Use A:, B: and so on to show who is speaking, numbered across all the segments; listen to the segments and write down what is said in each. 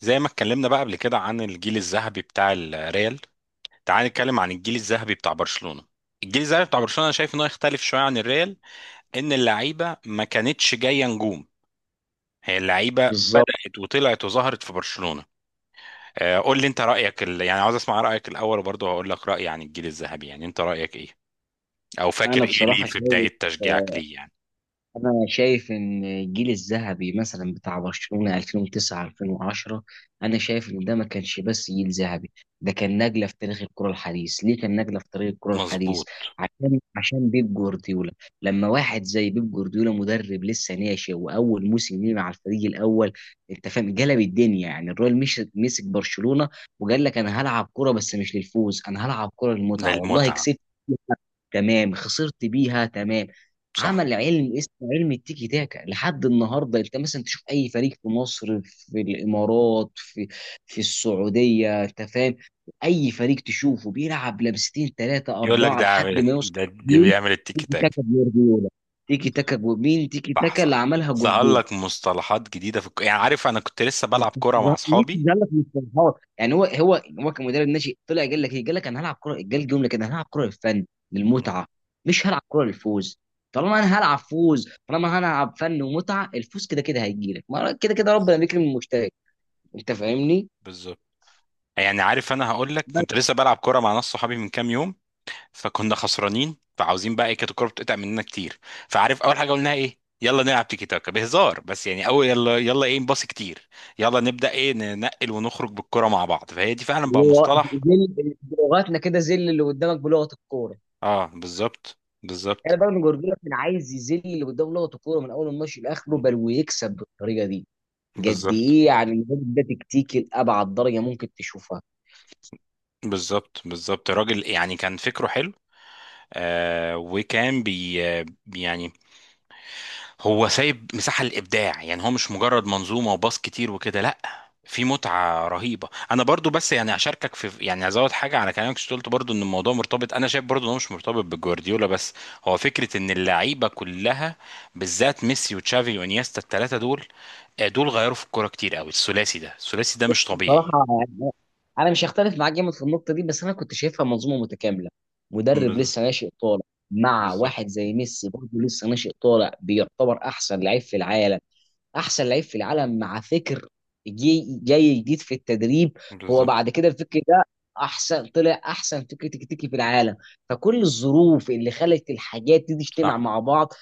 A: زي ما اتكلمنا بقى قبل كده عن الجيل الذهبي بتاع الريال، تعال نتكلم عن الجيل الذهبي بتاع برشلونة. الجيل الذهبي بتاع برشلونة انا شايف انه يختلف شوية عن الريال، ان اللعيبة ما كانتش جاية نجوم، هي اللعيبة
B: بالظبط.
A: بدأت وطلعت وظهرت في برشلونة. آه، قول لي انت رأيك يعني عاوز اسمع رأيك الاول وبرضه هقول لك رأيي عن الجيل الذهبي. يعني انت رأيك ايه؟ او فاكر
B: انا
A: ايه ليه
B: بصراحه
A: في
B: شايف،
A: بداية تشجيعك
B: آه،
A: ليه يعني.
B: انا شايف ان الجيل الذهبي مثلا بتاع برشلونه 2009 2010، انا شايف ان ده ما كانش بس جيل ذهبي، ده كان نجله في تاريخ الكره الحديث. ليه كان نجله في تاريخ الكره الحديث؟
A: مظبوط.
B: عشان بيب جوارديولا. لما واحد زي بيب جوارديولا مدرب لسه ناشئ واول موسم ليه مع الفريق الاول، انت فاهم قلب الدنيا؟ يعني الراجل مش مسك برشلونه وقال لك انا هلعب كره بس مش للفوز، انا هلعب كره
A: ده
B: للمتعه، والله
A: المتعة.
B: كسبت تمام، خسرت بيها تمام.
A: صح.
B: عمل علم اسمه علم التيكي تاكا لحد النهارده. انت مثلا تشوف اي فريق في مصر، في الامارات، في السعوديه، انت فاهم؟ اي فريق تشوفه بيلعب لمستين، ثلاثه،
A: يقول لك
B: اربعه
A: ده
B: لحد
A: عامل
B: ما يوصل.
A: ده
B: مين؟
A: بيعمل التيكي
B: تيكي
A: تاك.
B: تاكا جوارديولا. تيكي تاكا مين تيكي
A: صح
B: تاكا؟ اللي
A: صح.
B: عملها
A: ظهر
B: جوارديولا.
A: لك مصطلحات جديدة في يعني عارف أنا كنت لسه بلعب كورة مع
B: ميسي
A: أصحابي.
B: زعلك مش فرحان؟ يعني هو كمدرب ناشئ طلع قال لك ايه؟ قال لك انا هلعب كره. قال جمله كده: انا هلعب كره للفن،
A: مم.
B: للمتعه، مش هلعب كره للفوز. طالما انا هلعب فوز، طالما انا هلعب فن ومتعه، الفوز كده كده هيجي لك، ما كده كده ربنا
A: بالظبط
B: بيكرم المجتهد. انت فاهمني؟
A: بالظبط. يعني عارف أنا هقول لك
B: بس
A: كنت لسه بلعب كورة مع ناس صحابي من كام يوم، فكنا خسرانين، فعاوزين بقى إيه، كانت الكورة بتقطع مننا كتير. فعارف أول حاجة قلناها إيه؟ يلا نلعب تيكي تاكا بهزار، بس يعني أول يلا يلا إيه، نباصي كتير، يلا نبدأ إيه، ننقل ونخرج بالكورة مع بعض، فهي دي فعلا
B: اللي
A: بقى
B: هو
A: مصطلح.
B: ذل بلغتنا كده، ذل اللي قدامك بلغه الكوره.
A: آه بالظبط
B: انا
A: بالظبط.
B: بقى جورجيا كان عايز يذل اللي قدامه بلغه الكوره من اول الماتش لاخره
A: مم.
B: بل ويكسب بالطريقه دي. قد
A: بالظبط
B: ايه يعني الراجل ده تكتيكي لابعد درجه ممكن تشوفها.
A: بالظبط. بالظبط، راجل يعني كان فكره حلو. آه وكان بي يعني هو سايب مساحة للإبداع، يعني هو مش مجرد منظومة وباص كتير وكده، لأ، في متعة رهيبة. أنا برضو بس يعني أشاركك في، يعني أزود حاجة على كلامك، شو قلت برضو إن الموضوع مرتبط. أنا شايف برضو إن هو مش مرتبط بجوارديولا بس، هو فكرة إن اللعيبة كلها، بالذات ميسي وتشافي وإنيستا، التلاتة دول، دول غيروا في الكورة كتير قوي. الثلاثي ده، الثلاثي ده مش طبيعي.
B: بصراحة يعني أنا مش هختلف معاك جامد في النقطة دي، بس أنا كنت شايفها منظومة متكاملة. مدرب
A: بالظبط
B: لسه ناشئ طالع مع
A: بالظبط.
B: واحد زي ميسي برضه لسه ناشئ طالع بيعتبر أحسن لعيب في العالم. احسن لعيب في العالم مع فكر جاي جديد في التدريب. هو
A: بالظبط.
B: بعد كده الفكر ده احسن، طلع احسن فكر تكتيكي في العالم. فكل الظروف اللي خلت الحاجات دي تجتمع
A: صح
B: مع بعض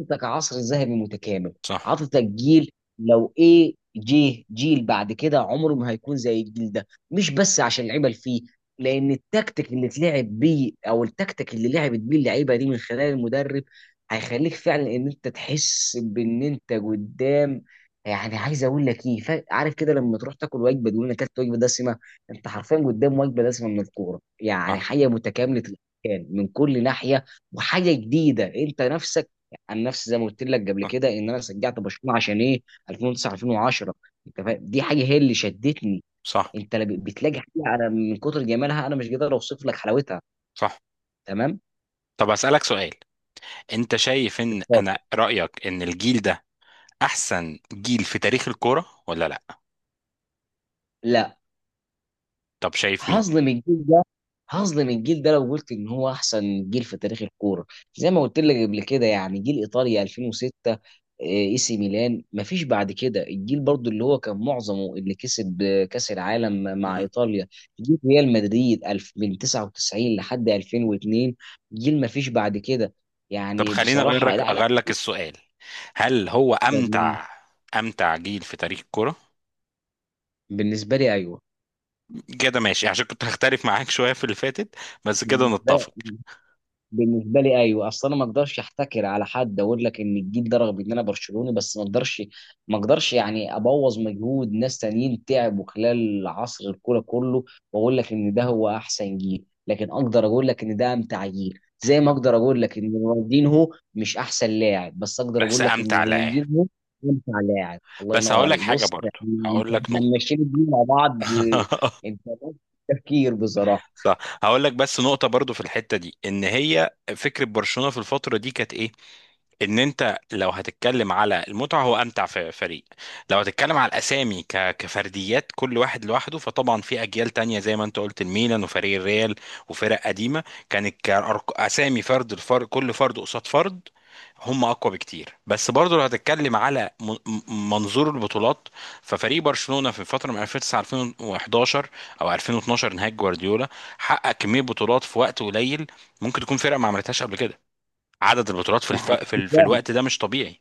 B: عطتك عصر ذهبي متكامل،
A: صح.
B: عطتك جيل. لو ايه جه جيل بعد كده عمره ما هيكون زي الجيل ده، مش بس عشان اللعيبه اللي فيه، لان التكتيك اللي اتلعب بيه او التكتيك اللي لعبت بيه اللعيبه دي من خلال المدرب هيخليك فعلا ان انت تحس بان انت قدام، يعني عايز اقول لك ايه؟ عارف كده لما تروح تاكل وجبه تقول انا اكلت وجبه دسمه؟ انت حرفيا قدام وجبه دسمه من الكوره، يعني
A: صح
B: حاجه متكامله الاركان من كل ناحيه وحاجه جديده انت نفسك. عن نفسي زي ما قلت لك قبل
A: صح.
B: كده ان انا شجعت برشلونه عشان ايه؟ 2009 2010. انت فاهم؟ دي حاجه هي اللي شدتني.
A: صح
B: انت لا، بتلاقي حاجه انا من كتر جمالها انا مش قادر اوصف لك حلاوتها.
A: صح.
B: تمام.
A: طب أسألك سؤال، انت شايف ان انا
B: اتفضل.
A: رأيك ان الجيل ده احسن جيل في تاريخ الكورة ولا لا؟
B: لا،
A: طب شايف مين؟
B: هظلم الجيل، هظلم الجيل ده لو قلت ان هو احسن جيل في تاريخ الكوره. زي ما قلت لك قبل كده يعني جيل ايطاليا 2006، اي سي ميلان مفيش بعد كده. الجيل برضو اللي هو كان معظمه اللي كسب كاس العالم مع
A: مم.
B: ايطاليا. جيل ريال مدريد الف من 99 لحد 2002، جيل مفيش بعد كده.
A: طب
B: يعني
A: خليني اغير
B: بصراحه،
A: لك
B: لا لا.
A: اغير لك السؤال، هل هو امتع، امتع جيل في تاريخ الكورة؟
B: بالنسبه لي ايوه.
A: كده ماشي، عشان كنت هختلف معاك شوية في اللي فاتت، بس كده
B: بالنسبه
A: نتفق.
B: بالنسبه لي ايوه، اصل انا ما اقدرش احتكر على حد، اقول لك ان الجيل ده رغم ان انا برشلوني، بس ما اقدرش، ما اقدرش يعني ابوظ مجهود ناس تانيين تعبوا خلال عصر الكوره كله واقول لك ان ده هو احسن جيل، لكن اقدر اقول لك ان ده امتع جيل، زي ما اقدر اقول لك ان رونالدينهو مش احسن لاعب بس اقدر
A: بس
B: اقول لك ان
A: امتع لاعب.
B: رونالدينهو امتع لاعب. الله
A: بس
B: ينور
A: هقول لك
B: عليك.
A: حاجة
B: بص
A: برضو،
B: احنا
A: هقول لك نقطة.
B: ماشيين الدنيا مع بعض. انت تفكير بصراحه.
A: صح. هقول لك بس نقطة برضو في الحتة دي، ان هي فكرة برشلونة في الفترة دي كانت ايه؟ ان انت لو هتتكلم على المتعة، هو امتع في فريق. لو هتتكلم على الاسامي كفرديات، كل واحد لوحده، فطبعا في اجيال تانية زي ما انت قلت، الميلان وفريق الريال وفرق قديمة، كانت اسامي فرد الفرد، كل فرد قصاد فرد، هم اقوى بكتير. بس برضه لو هتتكلم على منظور البطولات، ففريق برشلونه في الفتره من 2009 2011 او 2012 نهايه جوارديولا، حقق كميه بطولات في وقت قليل ممكن تكون فرقه ما عملتهاش قبل كده. عدد البطولات في
B: ده حقيقي
A: في
B: فعلا.
A: الوقت ده مش طبيعي.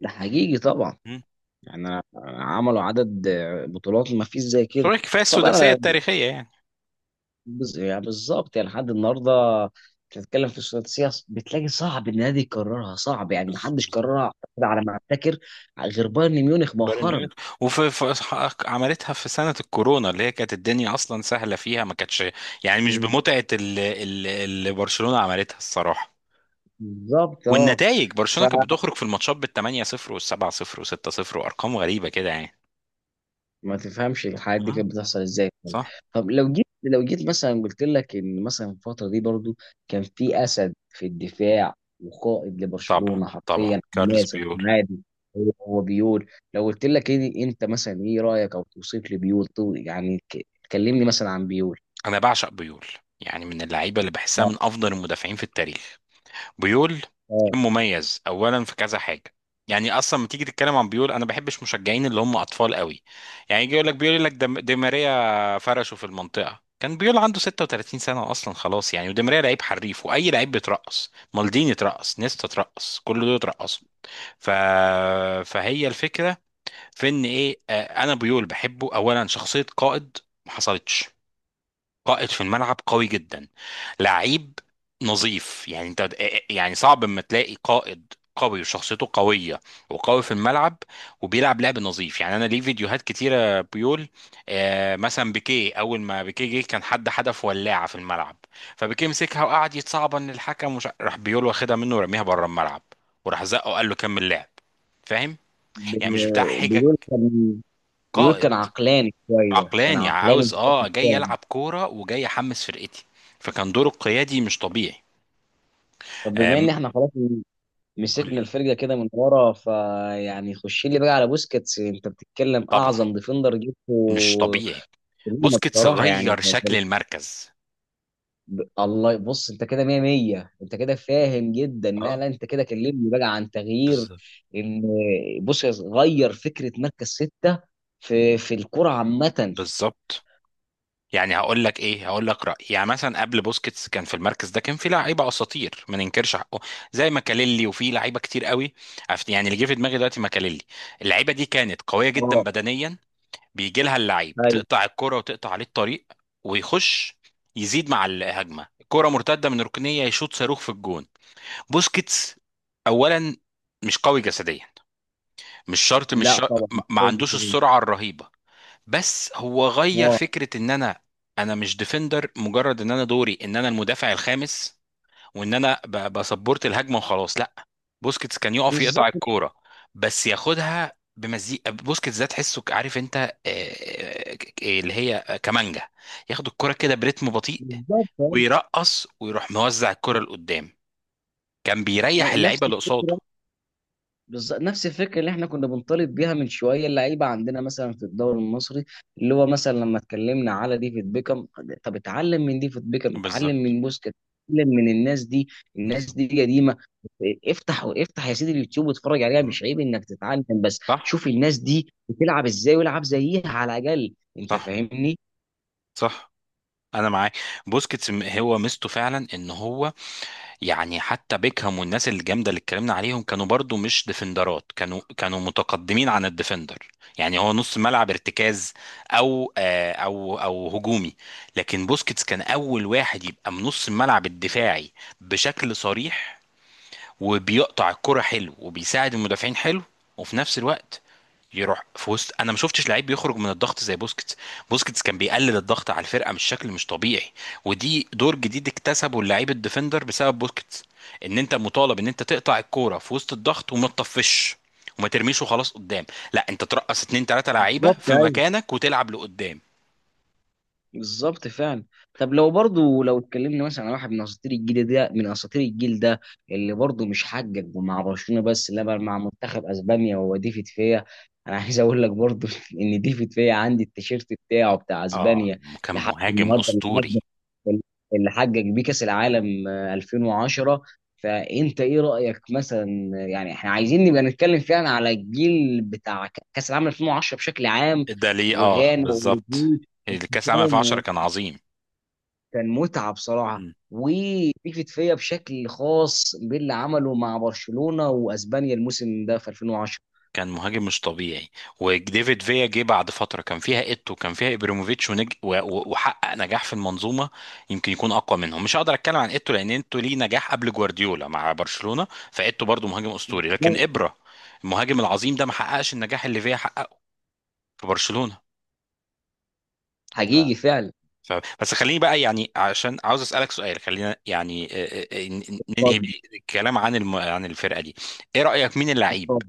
B: ده حقيقي طبعا.
A: مم.
B: يعني عملوا عدد بطولات ما فيش زي كده.
A: بطولات كفايه
B: طبعا
A: السداسيه
B: انا
A: التاريخيه يعني.
B: يعني بالظبط، يعني لحد النهارده بتتكلم في السياسة بتلاقي صعب ان النادي يكررها. صعب يعني، ما حدش
A: بالظبط.
B: كررها أعتقد على ما افتكر، غير بايرن ميونخ
A: بايرن
B: مؤخرا.
A: ميونخ. وفي في... عملتها في سنه الكورونا اللي هي كانت الدنيا اصلا سهله فيها، ما كانتش يعني مش بمتعه اللي برشلونه عملتها الصراحه.
B: بالظبط اه.
A: والنتائج برشلونه كانت بتخرج في الماتشات بال 8 0 وال 7 0 و 6 0 وارقام غريبه كده يعني.
B: ما تفهمش الحاجات دي
A: آه،
B: كانت بتحصل ازاي يعني.
A: صح.
B: طب لو جيت، لو جيت مثلا قلت لك ان مثلا الفتره دي برضو كان في اسد في الدفاع وقائد
A: طبعا
B: لبرشلونه
A: طبعا
B: حرفيا
A: كارلوس
B: حماس.
A: بيو.
B: عادي. هو هو بيقول. لو قلت لك إيه انت مثلا ايه رايك او توصيف لبيول؟ يعني كلمني مثلا عن بيول.
A: انا بعشق بيول، يعني من اللعيبه اللي بحسها
B: اه.
A: من افضل المدافعين في التاريخ. بيول
B: آه.
A: كان مميز اولا في كذا حاجه. يعني اصلا لما تيجي تتكلم عن بيول، انا بحبش مشجعين اللي هم اطفال قوي، يعني يجي يقول لك بيقول لك دي ماريا فرشه في المنطقه، كان بيول عنده 36 سنه اصلا خلاص يعني، ودي ماريا لعيب حريف، واي لعيب بيترقص، مالديني اترقص، نيستا اترقص، كل دول اترقصوا. ف... فهي الفكره في ان ايه، انا بيول بحبه اولا شخصيه قائد، ما حصلتش. قائد في الملعب قوي جدا، لعيب نظيف، يعني انت، يعني صعب اما تلاقي قائد قوي وشخصيته قوية وقوي في الملعب وبيلعب لعب نظيف. يعني انا ليه فيديوهات كتيرة بيقول، آه مثلا بيكيه، اول ما بيكيه جه كان حد حدف ولاعة في الملعب، فبيكيه مسكها وقعد يتصعبن الحكم، راح بيقول واخدها منه ورميها بره الملعب، وراح زقه وقال له كمل لعب. فاهم؟ يعني مش بتاع حجج،
B: بيقول كان، بيقول كان
A: قائد
B: عقلاني شويه، كان
A: عقلاني،
B: عقلاني.
A: عاوز اه جاي العب كوره وجاي احمس فرقتي، فكان دوره القيادي مش طبيعي.
B: طب بما
A: آم،
B: ان احنا خلاص
A: قول
B: مسكنا
A: لي.
B: الفرقه كده من ورا، فيعني خش لي بقى على بوسكيتس. انت بتتكلم
A: طبعا
B: اعظم ديفندر
A: مش
B: جبته
A: طبيعي،
B: في الأمم
A: بوسكيتس
B: بصراحه. يعني
A: غير شكل المركز.
B: الله. بص انت كده 100 100، انت كده فاهم جدا. لا
A: اه
B: لا، انت كده كلمني بقى عن تغيير
A: بالظبط
B: ان، بص، غير فكره مركز سته في الكره عامه.
A: بالظبط. يعني هقول لك ايه، هقول لك رايي، يعني مثلا قبل بوسكيتس كان في المركز ده كان في لعيبه اساطير ما ننكرش حقه، زي ماكاليلي وفي لعيبه كتير قوي. يعني اللي جه في دماغي دلوقتي ماكاليلي، اللعيبه دي كانت قويه جدا
B: اه
A: بدنيا، بيجي لها اللعيب
B: ايوه.
A: تقطع الكرة وتقطع عليه الطريق، ويخش يزيد مع الهجمة كرة مرتدة من ركنية يشوط صاروخ في الجون. بوسكيتس أولا مش قوي جسديا، مش شرط مش
B: لا
A: شرط،
B: طبعا مش
A: ما
B: هيجي
A: عندوش
B: في دي.
A: السرعة الرهيبة، بس هو غير
B: اه
A: فكرة ان انا، انا مش ديفندر، مجرد ان انا دوري ان انا المدافع الخامس وان انا بسبورت الهجمه وخلاص، لا. بوسكيتس كان يقف يقطع
B: بالظبط،
A: الكوره، بس ياخدها بمزيكا. بوسكيتس ده تحسه عارف انت اللي هي كمانجا، ياخد الكوره كده برتم بطيء،
B: بالظبط
A: ويرقص، ويروح موزع الكوره لقدام، كان بيريح
B: نفس
A: اللعيبه اللي
B: الفكره،
A: قصاده.
B: بالظبط نفس الفكره اللي احنا كنا بنطالب بيها من شويه اللعيبه عندنا مثلا في الدوري المصري، اللي هو مثلا لما اتكلمنا على ديفيد بيكم. طب اتعلم من ديفيد بيكم، اتعلم
A: بالظبط
B: من بوسكيت، اتعلم من الناس دي. الناس
A: بالظبط.
B: دي قديمه. افتح افتح يا سيدي اليوتيوب واتفرج عليها.
A: مم.
B: مش عيب انك تتعلم، بس
A: صح
B: شوف الناس دي بتلعب ازاي والعب زيها على الاقل. انت
A: صح
B: فاهمني؟
A: صح. انا معاك. بوسكيتس هو ميزته فعلا ان هو، يعني حتى بيكهام والناس الجامده اللي اتكلمنا عليهم كانوا برضو مش ديفندرات، كانوا كانوا متقدمين عن الديفندر، يعني هو نص ملعب ارتكاز او او هجومي. لكن بوسكيتس كان اول واحد يبقى من نص الملعب الدفاعي بشكل صريح، وبيقطع الكرة حلو وبيساعد المدافعين حلو، وفي نفس الوقت يروح في وسط. انا ما شفتش لعيب بيخرج من الضغط زي بوسكيتس، بوسكيتس كان بيقلل الضغط على الفرقه مش شكل، مش طبيعي. ودي دور جديد اكتسبه اللعيب الديفندر بسبب بوسكيتس، ان انت مطالب ان انت تقطع الكوره في وسط الضغط، وما تطفش وما ترميش وخلاص قدام، لا، انت ترقص اتنين تلاته لعيبه
B: بالظبط
A: في
B: أيوه.
A: مكانك وتلعب لقدام.
B: بالظبط فعلا. طب لو برضو لو اتكلمنا مثلا على واحد من اساطير الجيل ده، من اساطير الجيل ده اللي برضو مش حقق مع برشلونه بس لا بل مع منتخب اسبانيا، وهو ديفيد فيا. انا عايز اقول لك برضو ان ديفيد فيا عندي التيشيرت بتاعه بتاع
A: اه
B: اسبانيا
A: كان
B: لحد
A: مهاجم
B: النهارده، حقق
A: اسطوري.
B: اللي حقق بيه كاس العالم 2010. فانت ايه رايك مثلا؟ يعني احنا عايزين نبقى نتكلم فعلا على الجيل بتاع كاس العالم 2010 بشكل عام
A: ده ليه اه
B: وغانا
A: بالظبط.
B: واوروجواي.
A: الكاس العالم 2010 كان عظيم.
B: كان متعة بصراحة. وبيفت فيا بشكل خاص باللي عمله مع برشلونة واسبانيا الموسم ده في 2010.
A: كان مهاجم مش طبيعي. وديفيد فيا جه بعد فتره كان فيها ايتو، كان فيها ابريموفيتش، وحقق نجاح في المنظومه، يمكن يكون اقوى منهم. مش هقدر اتكلم عن ايتو لان ايتو ليه نجاح قبل جوارديولا مع برشلونه، فايتو برضو مهاجم اسطوري، لكن ابرا، المهاجم العظيم ده ما حققش النجاح اللي فيا حققه في برشلونه.
B: حقيقي فعلا.
A: ف- بس خليني بقى، يعني عشان عاوز اسالك سؤال، خلينا يعني ننهي بيه
B: اتفضل.
A: الكلام عن عن الفرقه دي. ايه رايك مين اللعيب
B: اتفضل.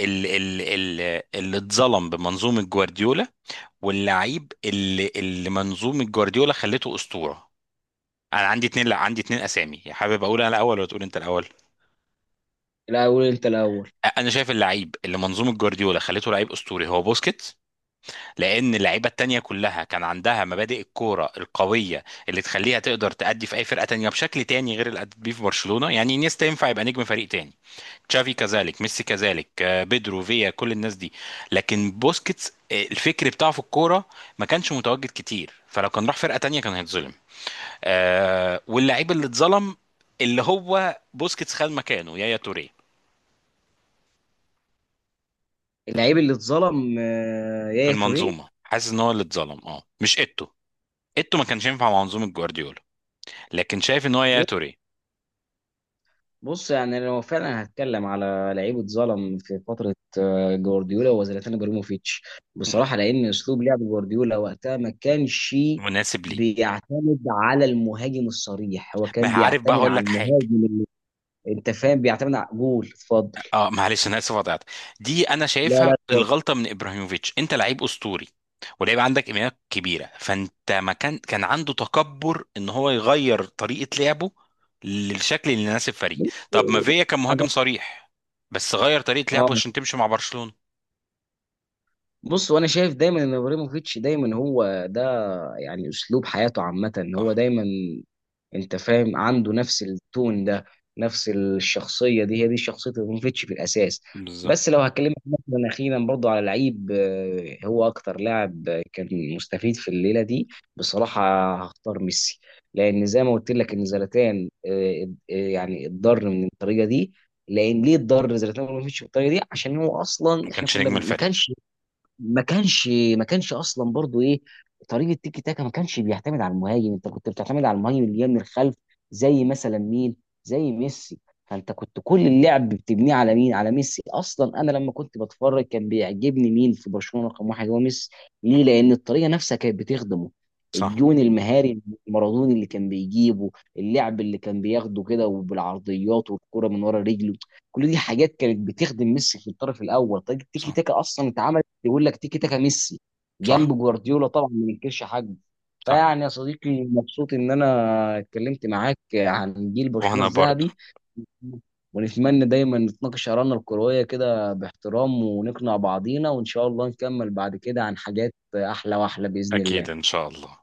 A: اللي اتظلم بمنظومه جوارديولا، واللعيب اللي اللي منظومه جوارديولا خلته اسطوره؟ انا عندي اتنين، لا عندي اتنين اسامي، حابب اقول انا الاول ولا تقول انت الاول؟
B: الاول انت الاول.
A: انا شايف اللعيب اللي منظومه جوارديولا خلته لعيب اسطوري هو بوسكيت، لان اللعيبه التانية كلها كان عندها مبادئ الكوره القويه اللي تخليها تقدر تأدي في اي فرقه تانية بشكل تاني غير اللي أدت بيه في برشلونه. يعني انيستا ينفع يبقى نجم فريق تاني، تشافي كذلك، ميسي كذلك، بيدرو، فيا، كل الناس دي. لكن بوسكيتس، الفكر بتاعه في الكوره ما كانش متواجد كتير، فلو كان راح فرقه تانية كان هيتظلم. واللعيب اللي اتظلم اللي هو بوسكيتس خد مكانه يايا توريه،
B: اللعيب اللي اتظلم
A: في
B: يا توريه.
A: المنظومه حاسس ان هو اللي اتظلم، اه مش ايتو، ايتو ما كانش ينفع مع منظومه جوارديولا، لكن شايف ان هو يا توري.
B: بص يعني لو فعلا هتكلم على لعيب اتظلم في فتره جوارديولا، هو زلاتان ابراهيموفيتش
A: مم.
B: بصراحه، لان اسلوب لعب جوارديولا وقتها ما كانش
A: مناسب ليه.
B: بيعتمد على المهاجم الصريح. هو
A: ما
B: كان
A: عارف بقى،
B: بيعتمد
A: هقول
B: على
A: لك حاجه.
B: المهاجم، انت فاهم؟ بيعتمد على، قول، اتفضل.
A: اه معلش انا اسف قطعت. دي انا
B: لا
A: شايفها
B: لا، اتفضل.
A: الغلطه من ابراهيموفيتش، انت لعيب اسطوري ولعيب عندك امكانيات كبيره، فانت ما كان عنده تكبر ان هو يغير طريقه لعبه للشكل اللي يناسب فريق.
B: بص،
A: طب ما فيا كان
B: انا
A: مهاجم صريح، بس غير طريقه
B: اه.
A: لعبه عشان تمشي مع برشلونه.
B: بص، وانا شايف دايما ان ابراهيموفيتش دايما هو ده، يعني اسلوب حياته عامه ان هو
A: صح.
B: دايما، انت فاهم؟ عنده نفس التون ده، نفس الشخصيه دي، هي دي شخصيه ابراهيموفيتش في الاساس.
A: بالظبط.
B: بس لو هكلمك مثلا اخيرا برضو على لعيب هو اكتر لاعب كان مستفيد في الليله دي بصراحه، هختار ميسي. لان زي ما قلت لك ان زلاتان، يعني اتضر من الطريقه دي. لان ليه اتضر زلاتان ابراهيموفيتش بالطريقه دي؟ عشان هو اصلا
A: ما
B: احنا
A: كانش
B: كنا
A: نجم
B: ما
A: الفريق.
B: كانش، ما كانش ما كانش اصلا برضو ايه، طريقه تيكي تاكا ما كانش بيعتمد على المهاجم. انت كنت بتعتمد على المهاجم اللي جاي من الخلف، زي مثلا مين؟ زي ميسي. فانت كنت كل اللعب بتبنيه على مين؟ على ميسي. اصلا انا لما كنت بتفرج كان بيعجبني مين في برشلونه رقم واحد؟ هو ميسي. ليه؟ لان الطريقه نفسها كانت بتخدمه.
A: صح
B: الجون المهاري المارادوني اللي كان بيجيبه، اللعب اللي كان بياخده كده وبالعرضيات والكرة من ورا رجله، كل دي حاجات كانت بتخدم ميسي. في الطرف الاول طريقه تيكي
A: صح.
B: تاكا اصلا اتعمل، يقول لك تيكي تاكا ميسي،
A: صح
B: جنب جوارديولا طبعا ما ننكرش حاجه.
A: صح.
B: فيعني يا صديقي مبسوط ان انا اتكلمت معاك عن جيل برشلونه
A: وانا برضو.
B: الذهبي، ونتمنى دايما نتناقش آرائنا الكروية كده باحترام ونقنع بعضينا، وإن شاء الله نكمل بعد كده عن حاجات أحلى وأحلى بإذن الله.
A: اكيد ان شاء الله.